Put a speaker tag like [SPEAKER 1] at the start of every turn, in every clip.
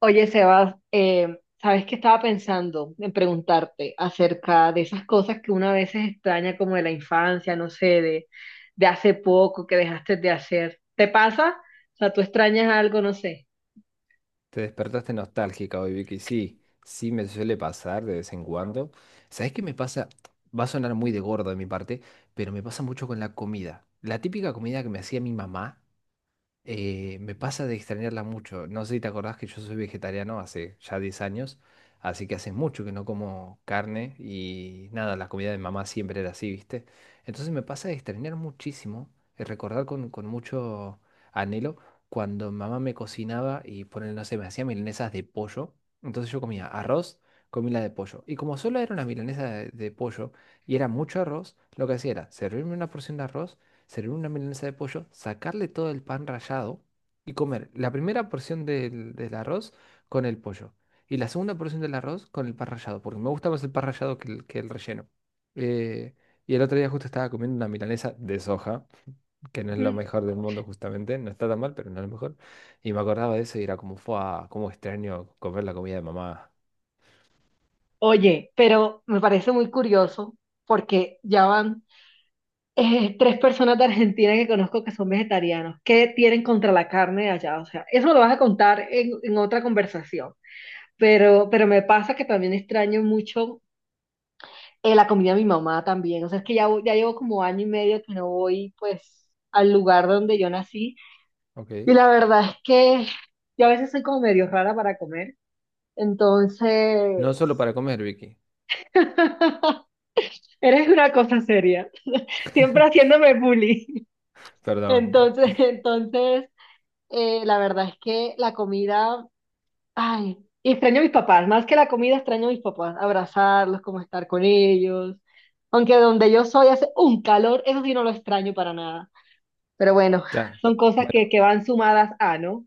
[SPEAKER 1] Oye, Sebas, ¿sabes qué? Estaba pensando en preguntarte acerca de esas cosas que una vez veces extraña, como de la infancia, no sé, de hace poco que dejaste de hacer. ¿Te pasa? O sea, ¿tú extrañas algo? No sé.
[SPEAKER 2] Te despertaste nostálgica hoy, Vicky. Sí, me suele pasar de vez en cuando. ¿Sabes qué me pasa? Va a sonar muy de gordo de mi parte, pero me pasa mucho con la comida. La típica comida que me hacía mi mamá me pasa de extrañarla mucho. No sé si te acordás que yo soy vegetariano hace ya 10 años, así que hace mucho que no como carne y nada, la comida de mamá siempre era así, ¿viste? Entonces me pasa de extrañar muchísimo, y recordar con mucho anhelo cuando mamá me cocinaba y ponen, no sé, me hacía milanesas de pollo. Entonces yo comía arroz, comí la de pollo. Y como solo era una milanesa de pollo y era mucho arroz, lo que hacía era servirme una porción de arroz servir una milanesa de pollo, sacarle todo el pan rallado y comer la primera porción del arroz con el pollo y la segunda porción del arroz con el pan rallado, porque me gusta más el pan rallado que que el relleno. Eh, y el otro día justo estaba comiendo una milanesa de soja, que no es lo
[SPEAKER 1] Mm.
[SPEAKER 2] mejor del mundo justamente, no está tan mal, pero no es lo mejor. Y me acordaba de eso y era como, fue cómo extraño comer la comida de mamá.
[SPEAKER 1] Oye, pero me parece muy curioso porque ya van 3 personas de Argentina que conozco que son vegetarianos. ¿Qué tienen contra la carne de allá? O sea, eso lo vas a contar en otra conversación. Pero me pasa que también extraño mucho la comida de mi mamá también. O sea, es que ya, ya llevo como año y medio que no voy, pues, al lugar donde yo nací. Y
[SPEAKER 2] Ok.
[SPEAKER 1] la verdad es que yo a veces soy como medio rara para comer.
[SPEAKER 2] No solo
[SPEAKER 1] Entonces,
[SPEAKER 2] para comer, Vicky.
[SPEAKER 1] eres una cosa seria. Siempre haciéndome bullying.
[SPEAKER 2] Perdón.
[SPEAKER 1] Entonces, entonces, la verdad es que la comida... Ay, y extraño a mis papás. Más que la comida, extraño a mis papás, abrazarlos, como estar con ellos. Aunque donde yo soy hace un calor, eso sí no lo extraño para nada. Pero bueno,
[SPEAKER 2] Claro.
[SPEAKER 1] son cosas
[SPEAKER 2] Bueno.
[SPEAKER 1] que van sumadas a, ¿no?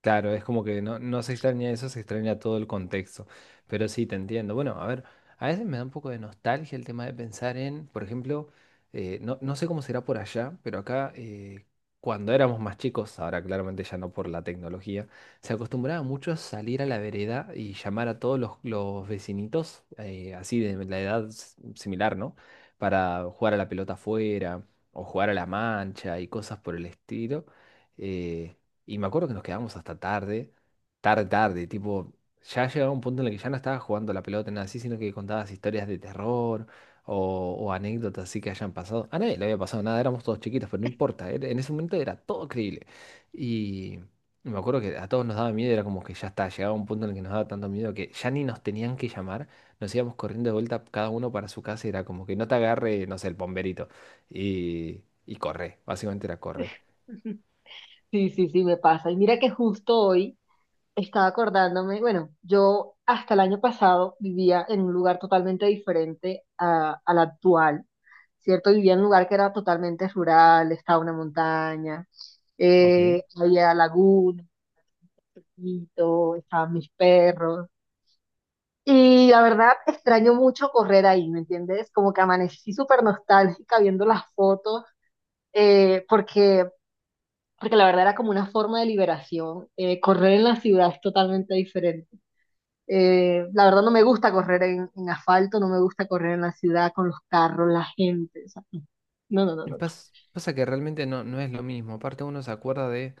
[SPEAKER 2] Claro, es como que no se extraña eso, se extraña todo el contexto. Pero sí, te entiendo. Bueno, a ver, a veces me da un poco de nostalgia el tema de pensar en, por ejemplo, no sé cómo será por allá, pero acá cuando éramos más chicos, ahora claramente ya no por la tecnología, se acostumbraba mucho a salir a la vereda y llamar a todos los vecinitos, así de la edad similar, ¿no? Para jugar a la pelota afuera o jugar a la mancha y cosas por el estilo. Eh, y me acuerdo que nos quedábamos hasta tarde, tipo, ya llegaba un punto en el que ya no estaba jugando a la pelota, nada así, sino que contabas historias de terror o anécdotas así que hayan pasado. A nadie le había pasado nada, éramos todos chiquitos, pero no importa, en ese momento era todo creíble. Y y me acuerdo que a todos nos daba miedo, era como que ya está, llegaba un punto en el que nos daba tanto miedo que ya ni nos tenían que llamar, nos íbamos corriendo de vuelta cada uno para su casa, y era como que no te agarre, no sé, el bomberito. Y corre, básicamente era corre.
[SPEAKER 1] Sí, sí, sí, me pasa. Y mira que justo hoy estaba acordándome. Bueno, yo hasta el año pasado vivía en un lugar totalmente diferente a, al actual, ¿cierto? Vivía en un lugar que era totalmente rural, estaba una montaña,
[SPEAKER 2] Ok.
[SPEAKER 1] había lagunas, perrito, estaban mis perros. Y la verdad, extraño mucho correr ahí, ¿me entiendes? Como que amanecí súper nostálgica viendo las fotos, eh, porque, porque la verdad era como una forma de liberación. Correr en la ciudad es totalmente diferente. La verdad no me gusta correr en asfalto, no me gusta correr en la ciudad con los carros, la gente. O sea, no, no, no,
[SPEAKER 2] Y
[SPEAKER 1] no.
[SPEAKER 2] pasa que realmente no es lo mismo. Aparte uno se acuerda de,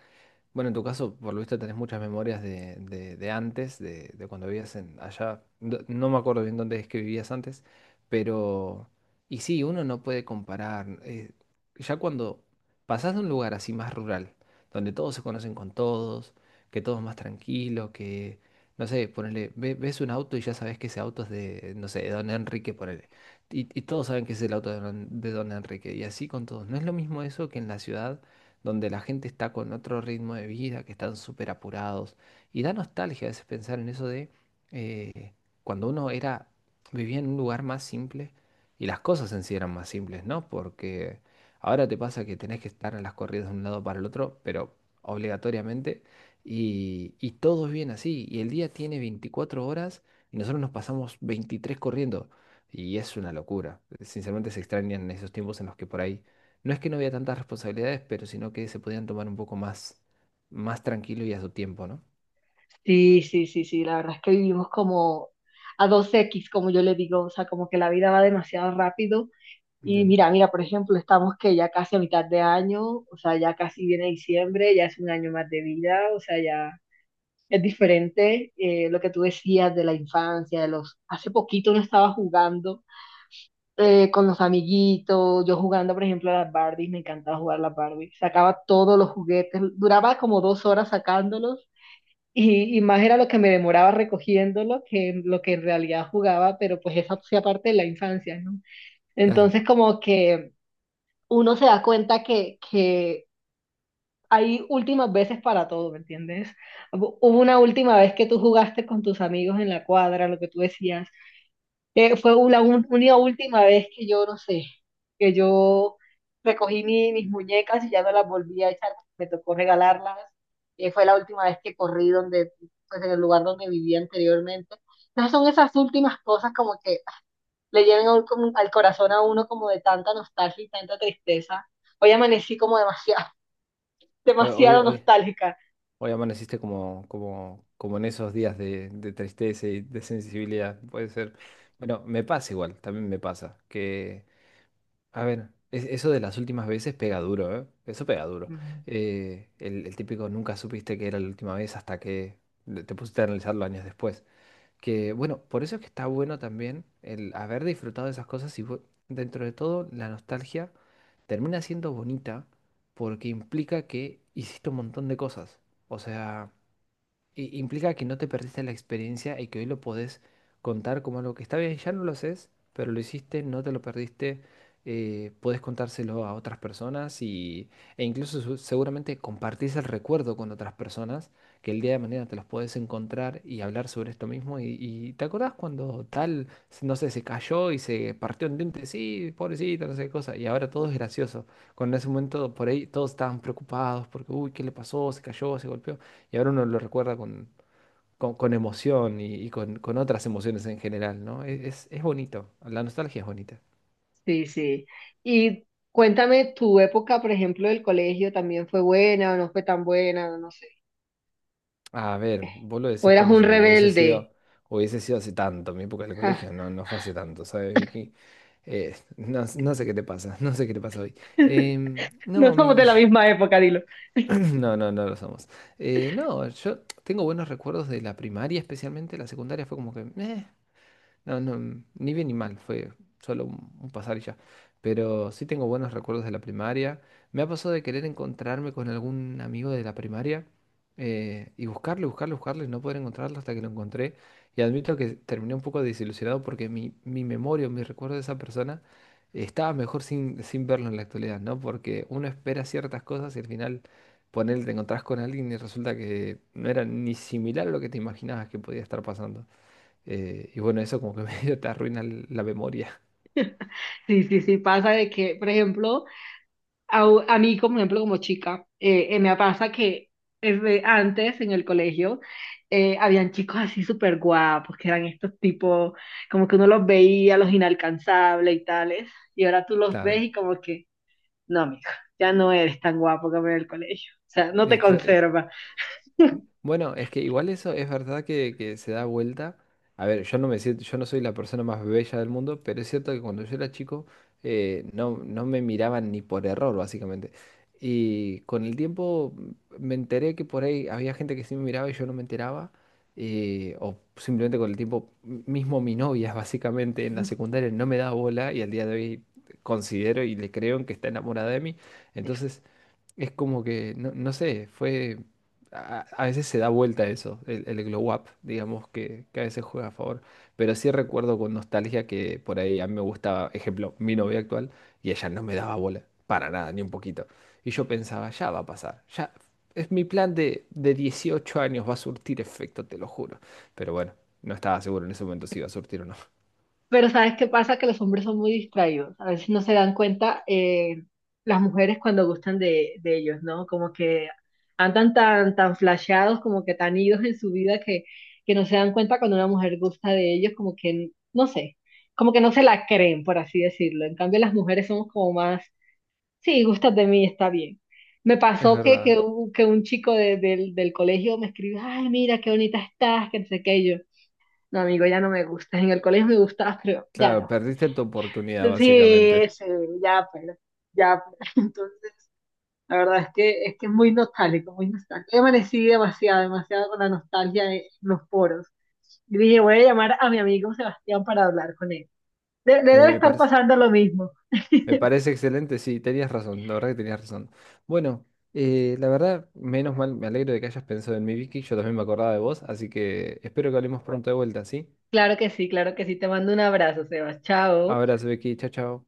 [SPEAKER 2] bueno, en tu caso, por lo visto, tenés muchas memorias de, de antes, de cuando vivías en allá. No me acuerdo bien dónde es que vivías antes, pero... Y sí, uno no puede comparar. Ya cuando pasás de un lugar así más rural, donde todos se conocen con todos, que todo es más tranquilo, que, no sé, ponele, ves un auto y ya sabes que ese auto es de, no sé, de don Enrique, ponele. Y todos saben que es el auto de don Enrique. Y así con todos. No es lo mismo eso que en la ciudad donde la gente está con otro ritmo de vida, que están súper apurados. Y da nostalgia a veces pensar en eso de eh, cuando uno era, vivía en un lugar más simple y las cosas en sí eran más simples, ¿no? Porque ahora te pasa que tenés que estar en las corridas de un lado para el otro, pero obligatoriamente, y todo es bien así. Y el día tiene 24 horas y nosotros nos pasamos 23 corriendo. Y es una locura. Sinceramente se extrañan esos tiempos en los que por ahí no es que no había tantas responsabilidades, pero sino que se podían tomar un poco más, más tranquilo y a su tiempo, ¿no?
[SPEAKER 1] Sí, sí, sí, sí, la verdad es que vivimos como a 2x, como yo le digo. O sea, como que la vida va demasiado rápido. Y
[SPEAKER 2] Entiendo.
[SPEAKER 1] mira, mira, por ejemplo, estamos que ya casi a mitad de año. O sea, ya casi viene diciembre, ya es un año más de vida. O sea, ya es diferente lo que tú decías de la infancia, de los... Hace poquito no estaba jugando con los amiguitos, yo jugando, por ejemplo, a las Barbies. Me encantaba jugar a las Barbies, sacaba todos los juguetes, duraba como 2 horas sacándolos y más era lo que me demoraba recogiéndolo que lo que en realidad jugaba. Pero pues esa hacía parte de la infancia, ¿no?
[SPEAKER 2] Claro.
[SPEAKER 1] Entonces, como que uno se da cuenta que hay últimas veces para todo, ¿me entiendes? Hubo una última vez que tú jugaste con tus amigos en la cuadra, lo que tú decías. Fue única última vez que yo, no sé, que yo recogí mis muñecas y ya no las volví a echar, me tocó regalarlas. Fue la última vez que corrí donde, pues, en el lugar donde vivía anteriormente. Entonces son esas últimas cosas como que ah, le llegan a como al corazón a uno, como de tanta nostalgia y tanta tristeza. Hoy amanecí como demasiado,
[SPEAKER 2] Hoy, hoy,
[SPEAKER 1] demasiado
[SPEAKER 2] hoy,
[SPEAKER 1] nostálgica.
[SPEAKER 2] hoy amaneciste como, como en esos días de tristeza y de sensibilidad. Puede ser. Bueno, me pasa igual, también me pasa. Que, a ver, eso de las últimas veces pega duro, ¿eh? Eso pega duro.
[SPEAKER 1] Mm.
[SPEAKER 2] El típico nunca supiste que era la última vez hasta que te pusiste a analizarlo años después. Que bueno, por eso es que está bueno también el haber disfrutado de esas cosas y dentro de todo la nostalgia termina siendo bonita porque implica que hiciste un montón de cosas. O sea, implica que no te perdiste la experiencia y que hoy lo podés contar como algo que está bien, ya no lo haces, pero lo hiciste, no te lo perdiste, podés contárselo a otras personas y, e incluso seguramente compartís el recuerdo con otras personas que el día de mañana te los podés encontrar y hablar sobre esto mismo y te acordás cuando tal, no sé, se cayó y se partió un diente, sí, pobrecito, no sé qué cosa, y ahora todo es gracioso. Cuando en ese momento por ahí todos estaban preocupados porque, uy, ¿qué le pasó? Se cayó, se golpeó. Y ahora uno lo recuerda con, con emoción y, con otras emociones en general, ¿no? Es bonito, la nostalgia es bonita.
[SPEAKER 1] Sí, sí. Y cuéntame, tu época, por ejemplo, del colegio, ¿también fue buena o no fue tan buena? No sé.
[SPEAKER 2] A ver, vos lo
[SPEAKER 1] ¿O
[SPEAKER 2] decís
[SPEAKER 1] eras
[SPEAKER 2] como
[SPEAKER 1] un
[SPEAKER 2] si hubiese
[SPEAKER 1] rebelde?
[SPEAKER 2] sido, hubiese sido hace tanto, mi época del
[SPEAKER 1] Ja.
[SPEAKER 2] colegio, no fue hace tanto, ¿sabes, Vicky? No sé qué te pasa, no sé qué te pasa hoy.
[SPEAKER 1] No
[SPEAKER 2] No,
[SPEAKER 1] somos de
[SPEAKER 2] mi...
[SPEAKER 1] la misma época, dilo.
[SPEAKER 2] No lo somos. No, yo tengo buenos recuerdos de la primaria, especialmente la secundaria fue como que...". No, Ni bien ni mal, fue solo un pasar y ya. Pero sí tengo buenos recuerdos de la primaria. Me ha pasado de querer encontrarme con algún amigo de la primaria y buscarle, y no poder encontrarlo hasta que lo encontré. Y admito que terminé un poco desilusionado porque mi memoria o mi recuerdo de esa persona estaba mejor sin, sin verlo en la actualidad, ¿no? Porque uno espera ciertas cosas y al final, ponele, te encontrás con alguien y resulta que no era ni similar a lo que te imaginabas que podía estar pasando. Y bueno, eso como que medio te arruina la memoria.
[SPEAKER 1] Sí, sí, sí, pasa de que, por ejemplo, a, a mí, como ejemplo, como chica, me pasa que es de antes en el colegio. Habían chicos así súper guapos, que eran estos tipos, como que uno los veía, los inalcanzables y tales, y ahora tú los ves
[SPEAKER 2] Claro.
[SPEAKER 1] y como que no, amigo, ya no eres tan guapo como en el colegio. O sea, no te
[SPEAKER 2] Y
[SPEAKER 1] conserva.
[SPEAKER 2] bueno, es que igual eso es verdad que se da vuelta. A ver, yo no me siento, yo no soy la persona más bella del mundo, pero es cierto que cuando yo era chico no me miraban ni por error, básicamente. Y con el tiempo me enteré que por ahí había gente que sí me miraba y yo no me enteraba. O simplemente con el tiempo, mismo mi novia, básicamente, en la secundaria no me daba bola y al día de hoy considero y le creo en que está enamorada de mí. Entonces. Es como que, no, no sé, fue... A veces se da vuelta eso, el glow up, digamos, que a veces juega a favor. Pero sí recuerdo con nostalgia que por ahí a mí me gustaba, ejemplo, mi novia actual, y ella no me daba bola, para nada, ni un poquito. Y yo pensaba, ya va a pasar, ya... Es mi plan de 18 años, va a surtir efecto, te lo juro. Pero bueno, no estaba seguro en ese momento si iba a surtir o no.
[SPEAKER 1] Pero ¿sabes qué pasa? Que los hombres son muy distraídos. A veces no se dan cuenta las mujeres cuando gustan de ellos, ¿no? Como que andan tan flasheados, como que tan idos en su vida, que no se dan cuenta cuando una mujer gusta de ellos. Como que, no sé, como que no se la creen, por así decirlo. En cambio, las mujeres somos como más, sí, gustas de mí, está bien. Me
[SPEAKER 2] Es
[SPEAKER 1] pasó
[SPEAKER 2] verdad.
[SPEAKER 1] que un chico del colegio me escribió: ay, mira, qué bonita estás, que no sé qué, y yo: no, amigo, ya no me gustas. En el colegio me gustabas, pero ya
[SPEAKER 2] Claro,
[SPEAKER 1] no.
[SPEAKER 2] perdiste tu oportunidad,
[SPEAKER 1] Sí,
[SPEAKER 2] básicamente.
[SPEAKER 1] sí, ya, pues, ya, pues. Entonces, la verdad es que es muy nostálgico, muy nostálgico. Yo amanecí demasiado, demasiado con la nostalgia en los poros. Y dije, voy a llamar a mi amigo Sebastián para hablar con él. Le
[SPEAKER 2] Me,
[SPEAKER 1] debe
[SPEAKER 2] me
[SPEAKER 1] estar
[SPEAKER 2] parece.
[SPEAKER 1] pasando lo mismo.
[SPEAKER 2] Me parece excelente, sí, tenías razón, la verdad que tenías razón. Bueno, la verdad, menos mal, me alegro de que hayas pensado en mí, Vicky, yo también me acordaba de vos, así que espero que hablemos pronto de vuelta, ¿sí?
[SPEAKER 1] Claro que sí, claro que sí. Te mando un abrazo, Sebas. Chao.
[SPEAKER 2] Abrazo, Vicky, chao, chao.